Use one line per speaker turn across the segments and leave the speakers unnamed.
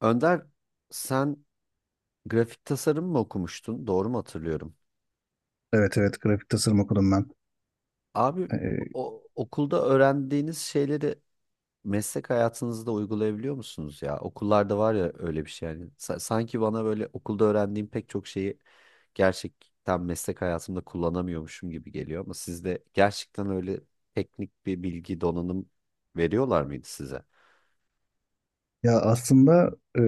Önder, sen grafik tasarım mı okumuştun? Doğru mu hatırlıyorum?
Evet, evet, grafik tasarım okudum ben.
Abi,
Ee,
okulda öğrendiğiniz şeyleri meslek hayatınızda uygulayabiliyor musunuz ya? Okullarda var ya öyle bir şey yani. Sanki bana böyle okulda öğrendiğim pek çok şeyi gerçekten meslek hayatımda kullanamıyormuşum gibi geliyor, ama sizde gerçekten öyle teknik bir bilgi donanım veriyorlar mıydı size?
ya aslında, e,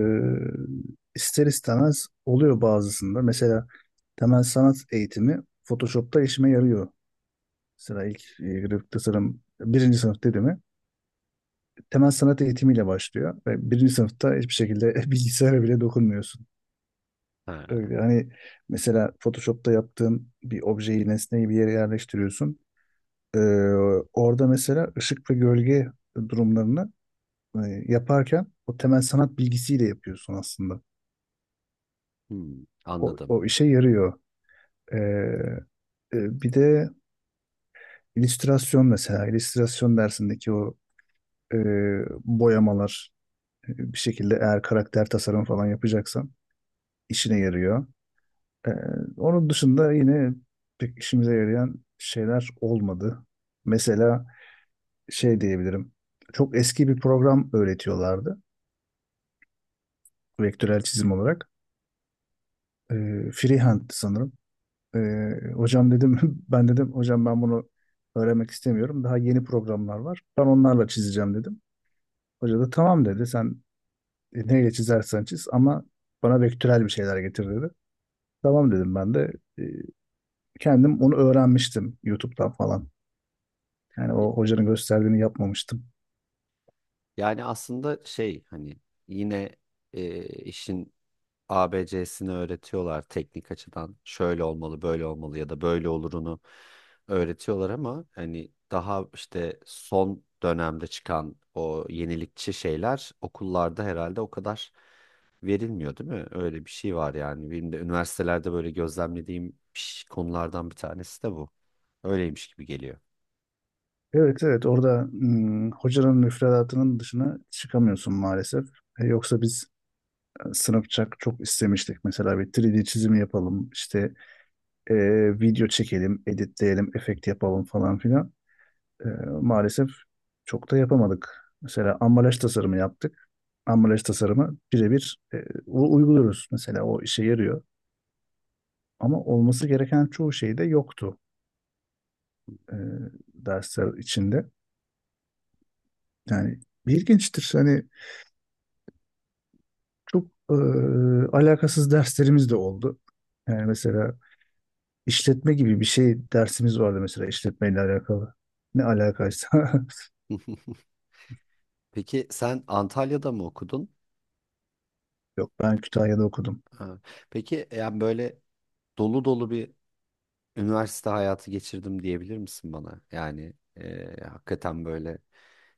ister istemez oluyor bazısında. Mesela temel sanat eğitimi Photoshop'ta işime yarıyor. Mesela ilk grafik tasarım birinci sınıf dediğimi temel sanat eğitimiyle başlıyor. Ve birinci sınıfta hiçbir şekilde bilgisayara bile dokunmuyorsun.
Ha.
Öyle hani mesela Photoshop'ta yaptığın bir objeyi, nesneyi bir yere yerleştiriyorsun. Ee, orada mesela ışık ve gölge durumlarını e, yaparken o temel sanat bilgisiyle yapıyorsun aslında.
Hmm,
O,
anladım.
o işe yarıyor. Ee, bir de illüstrasyon mesela. İllüstrasyon dersindeki o e, boyamalar bir şekilde eğer karakter tasarımı falan yapacaksan işine yarıyor. Ee, onun dışında yine pek işimize yarayan şeyler olmadı. Mesela şey diyebilirim. Çok eski bir program öğretiyorlardı. Vektörel çizim olarak. Freehand sanırım. Hocam dedim ben dedim hocam ben bunu öğrenmek istemiyorum. Daha yeni programlar var. Ben onlarla çizeceğim dedim. Hoca da tamam dedi. Sen neyle çizersen çiz ama bana vektörel bir şeyler getir dedi. Tamam dedim ben de. Ee, kendim onu öğrenmiştim YouTube'dan falan. Yani
Y-
o hocanın gösterdiğini yapmamıştım.
Yani aslında şey, hani yine işin A B C'sini öğretiyorlar teknik açıdan. Şöyle olmalı, böyle olmalı, ya da böyle olurunu öğretiyorlar, ama hani daha işte son dönemde çıkan o yenilikçi şeyler okullarda herhalde o kadar verilmiyor, değil mi? Öyle bir şey var yani. Benim de üniversitelerde böyle gözlemlediğim konulardan bir tanesi de bu. Öyleymiş gibi geliyor.
Evet, evet, orada hocanın müfredatının dışına çıkamıyorsun maalesef. E, yoksa biz sınıfça çok istemiştik, mesela bir 3D çizimi yapalım işte, e, video çekelim, editleyelim, efekt yapalım falan filan. E, maalesef çok da yapamadık. Mesela ambalaj tasarımı yaptık. Ambalaj tasarımı birebir uyguluyoruz. Mesela o işe yarıyor. Ama olması gereken çoğu şey de yoktu e, dersler içinde. Yani ilginçtir. Hani çok alakasız derslerimiz de oldu. Yani mesela işletme gibi bir şey dersimiz vardı, mesela işletmeyle alakalı. Ne alakaysa.
Peki sen Antalya'da mı okudun?
Yok, ben Kütahya'da okudum.
Ha. Peki yani böyle dolu dolu bir üniversite hayatı geçirdim diyebilir misin bana? Yani hakikaten böyle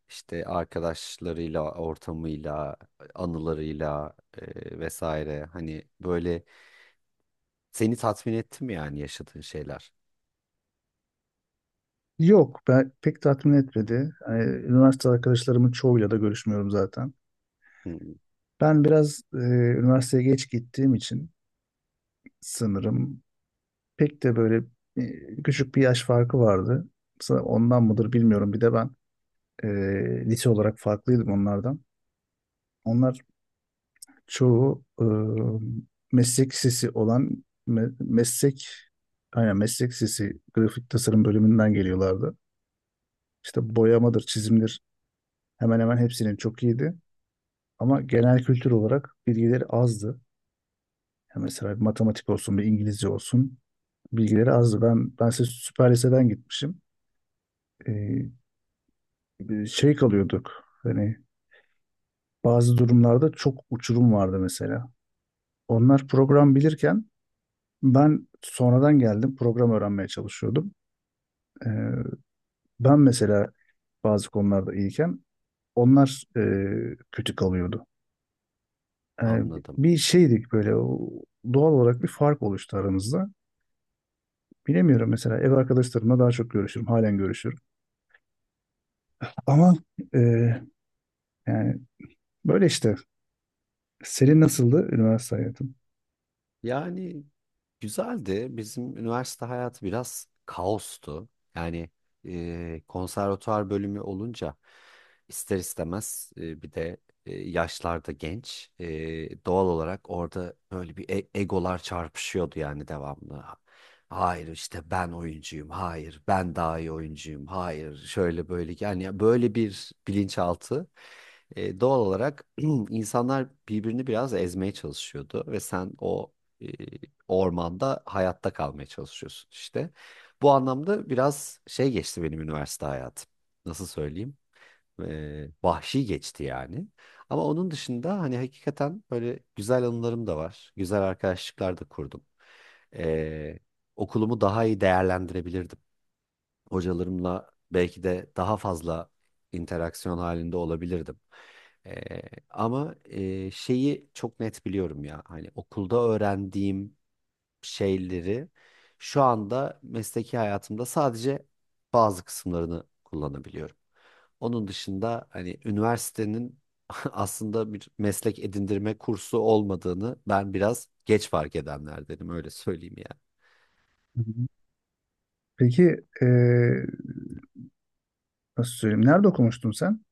işte arkadaşlarıyla, ortamıyla, anılarıyla vesaire, hani böyle seni tatmin etti mi yani yaşadığın şeyler?
Yok, ben pek tatmin etmedi. Yani, üniversite arkadaşlarımın çoğuyla da görüşmüyorum zaten.
Hı,
Ben biraz üniversiteye geç gittiğim için sanırım. Pek de böyle küçük bir yaş farkı vardı. Ondan mıdır bilmiyorum. Bir de ben e, lise olarak farklıydım onlardan. Onlar çoğu meslek lisesi olan meslek, aynen, meslek lisesi grafik tasarım bölümünden geliyorlardı. İşte boyamadır, çizimdir, hemen hemen hepsinin çok iyiydi. Ama genel kültür olarak bilgileri azdı. Ya mesela bir matematik olsun, bir İngilizce olsun, bilgileri azdı. Ben size süper liseden gitmişim. Ee, şey kalıyorduk. Hani bazı durumlarda çok uçurum vardı mesela. Onlar program bilirken ben sonradan geldim, program öğrenmeye çalışıyordum. Ee, ben mesela bazı konularda iyiyken onlar kötü kalıyordu. Ee,
anladım.
bir şeydik böyle, doğal olarak bir fark oluştu aramızda. Bilemiyorum, mesela ev arkadaşlarımla daha çok görüşürüm. Halen görüşürüm. Ama e, yani böyle işte. Senin nasıldı üniversite hayatın?
Yani güzeldi. Bizim üniversite hayatı biraz kaostu. Yani konservatuar bölümü olunca ister istemez bir de yaşlarda genç. Doğal olarak orada böyle bir egolar çarpışıyordu yani devamlı. Hayır işte ben oyuncuyum. Hayır ben daha iyi oyuncuyum. Hayır şöyle böyle, yani böyle bir bilinçaltı. Doğal olarak insanlar birbirini biraz ezmeye çalışıyordu ve sen o ormanda hayatta kalmaya çalışıyorsun işte. Bu anlamda biraz şey geçti benim üniversite hayatım. Nasıl söyleyeyim? Vahşi geçti yani. Ama onun dışında hani hakikaten böyle güzel anılarım da var. Güzel arkadaşlıklar da kurdum. Ee, Okulumu daha iyi değerlendirebilirdim. Hocalarımla belki de daha fazla interaksiyon halinde olabilirdim. Ee, Ama şeyi çok net biliyorum ya, hani okulda öğrendiğim şeyleri şu anda mesleki hayatımda sadece bazı kısımlarını kullanabiliyorum. Onun dışında hani üniversitenin aslında bir meslek edindirme kursu olmadığını ben biraz geç fark edenlerdenim, öyle söyleyeyim yani.
Hı hı. Peki, nasıl söyleyeyim? Nerede okumuştun sen?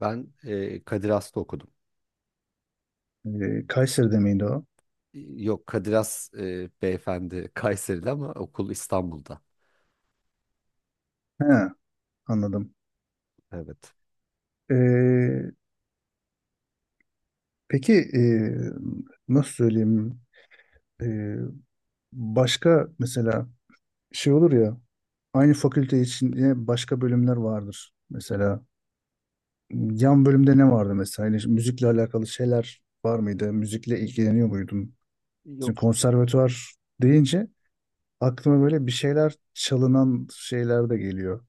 Ben Kadir Has'ta okudum.
E, Kayseri'de miydi o?
Yok, Kadir Has, beyefendi, Kayseri'de ama okul İstanbul'da.
He, anladım.
Evet.
E, peki, nasıl söyleyeyim? E, başka mesela şey olur ya, aynı fakülte için yine başka bölümler vardır. Mesela yan bölümde ne vardı mesela? Yani müzikle alakalı şeyler var mıydı? Müzikle ilgileniyor muydun?
Yok.
Şimdi konservatuvar deyince aklıma böyle bir şeyler çalınan şeyler de geliyor.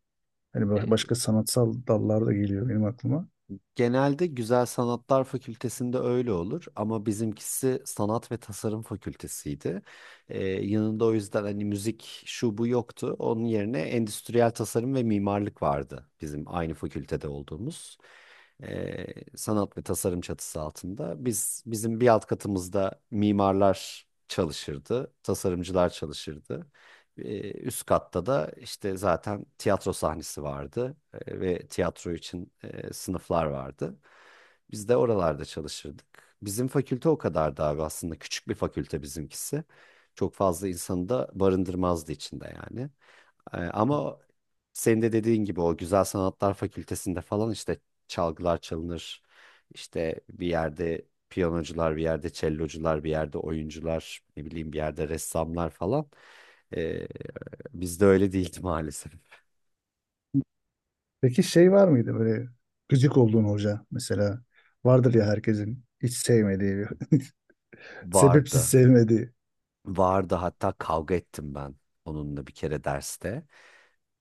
Hani başka sanatsal dallar da geliyor benim aklıma.
Genelde Güzel Sanatlar Fakültesi'nde öyle olur ama bizimkisi Sanat ve Tasarım Fakültesiydi. Yanında o yüzden hani müzik şu bu yoktu. Onun yerine Endüstriyel Tasarım ve Mimarlık vardı bizim aynı fakültede olduğumuz. Ee, Sanat ve tasarım çatısı altında. Bizim bir alt katımızda mimarlar çalışırdı, tasarımcılar çalışırdı. Üst katta da işte zaten tiyatro sahnesi vardı, ve tiyatro için sınıflar vardı. Biz de oralarda çalışırdık. Bizim fakülte o kadardı abi, aslında küçük bir fakülte bizimkisi. Çok fazla insanı da barındırmazdı içinde yani. Ama senin de dediğin gibi o Güzel Sanatlar Fakültesinde falan işte çalgılar çalınır. İşte bir yerde piyanocular, bir yerde cellocular, bir yerde oyuncular, ne bileyim bir yerde ressamlar falan. Ee, Bizde öyle değildi maalesef.
Peki şey var mıydı, böyle gıcık olduğun hoca mesela? Vardır ya, herkesin hiç sevmediği bir sebepsiz
Vardı.
sevmediği.
Vardı, hatta kavga ettim ben onunla bir kere derste.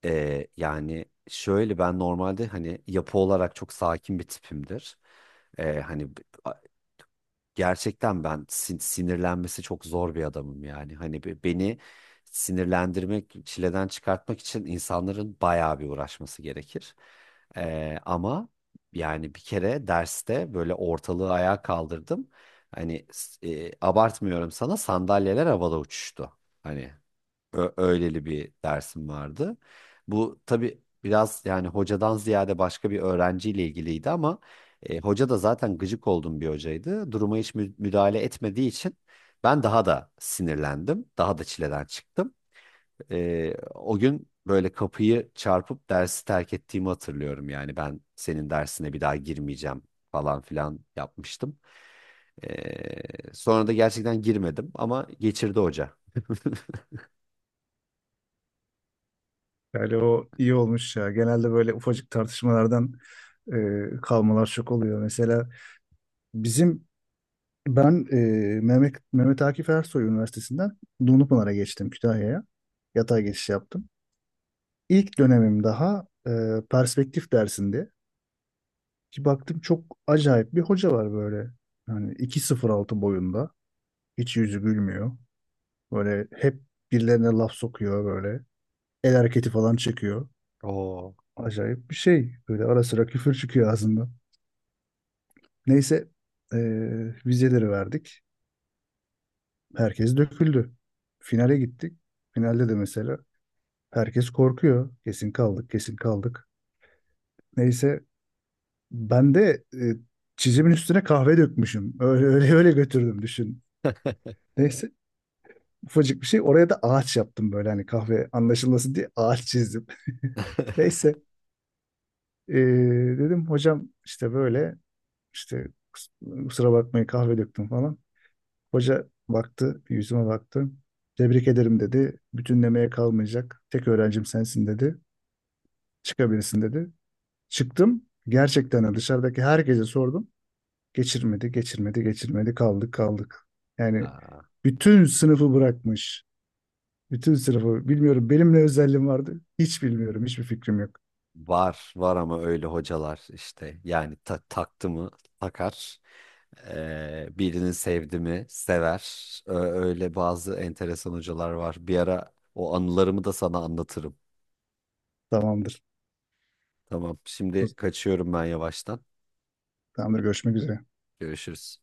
Yani şöyle, ben normalde hani yapı olarak çok sakin bir tipimdir. Hani gerçekten ben sinirlenmesi çok zor bir adamım yani. Hani beni sinirlendirmek, çileden çıkartmak için insanların bayağı bir uğraşması gerekir. Ama yani bir kere derste böyle ortalığı ayağa kaldırdım. Hani abartmıyorum, sana sandalyeler havada uçuştu. Hani öyleli bir dersim vardı. Bu tabii biraz yani hocadan ziyade başka bir öğrenciyle ilgiliydi, ama hoca da zaten gıcık olduğum bir hocaydı. Duruma hiç müdahale etmediği için ben daha da sinirlendim. Daha da çileden çıktım. O gün böyle kapıyı çarpıp dersi terk ettiğimi hatırlıyorum. Yani ben senin dersine bir daha girmeyeceğim falan filan yapmıştım. Sonra da gerçekten girmedim, ama geçirdi hoca.
Yani o iyi olmuş ya. Genelde böyle ufacık tartışmalardan e, kalmalar çok oluyor. Mesela bizim, ben Mehmet Akif Ersoy Üniversitesi'nden Dumlupınar'a geçtim, Kütahya'ya. Yatay geçiş yaptım. İlk dönemim, daha perspektif dersinde. Ki baktım, çok acayip bir hoca var böyle. Yani 2.06 boyunda. Hiç yüzü gülmüyor. Böyle hep birilerine laf sokuyor böyle. El hareketi falan çekiyor.
Oo.
Acayip bir şey. Böyle ara sıra küfür çıkıyor ağzından. Neyse, vizeleri verdik. Herkes döküldü. Finale gittik. Finalde de mesela herkes korkuyor. Kesin kaldık, kesin kaldık. Neyse, ben de çizimin üstüne kahve dökmüşüm. Öyle öyle öyle götürdüm, düşün. Neyse, ufacık bir şey. Oraya da ağaç yaptım, böyle hani kahve anlaşılması diye ağaç çizdim. Neyse, ee, dedim hocam işte böyle, işte, kus- kusura bakmayın, kahve döktüm falan. Hoca baktı, bir yüzüme baktı. Tebrik ederim dedi. Bütünlemeye kalmayacak. Tek öğrencim sensin dedi. Çıkabilirsin dedi. Çıktım. Gerçekten dışarıdaki herkese sordum. Geçirmedi, geçirmedi, geçirmedi. Kaldık, kaldık. Yani
Aa,
bütün sınıfı bırakmış. Bütün sınıfı bilmiyorum. Benim ne özelliğim vardı? Hiç bilmiyorum. Hiçbir fikrim yok.
var var, ama öyle hocalar işte yani, taktı mı takar. Birini sevdi mi sever. Ö- Öyle bazı enteresan hocalar var. Bir ara o anılarımı da sana anlatırım.
Tamamdır.
Tamam, şimdi kaçıyorum ben yavaştan.
Tamamdır. Görüşmek üzere.
Görüşürüz.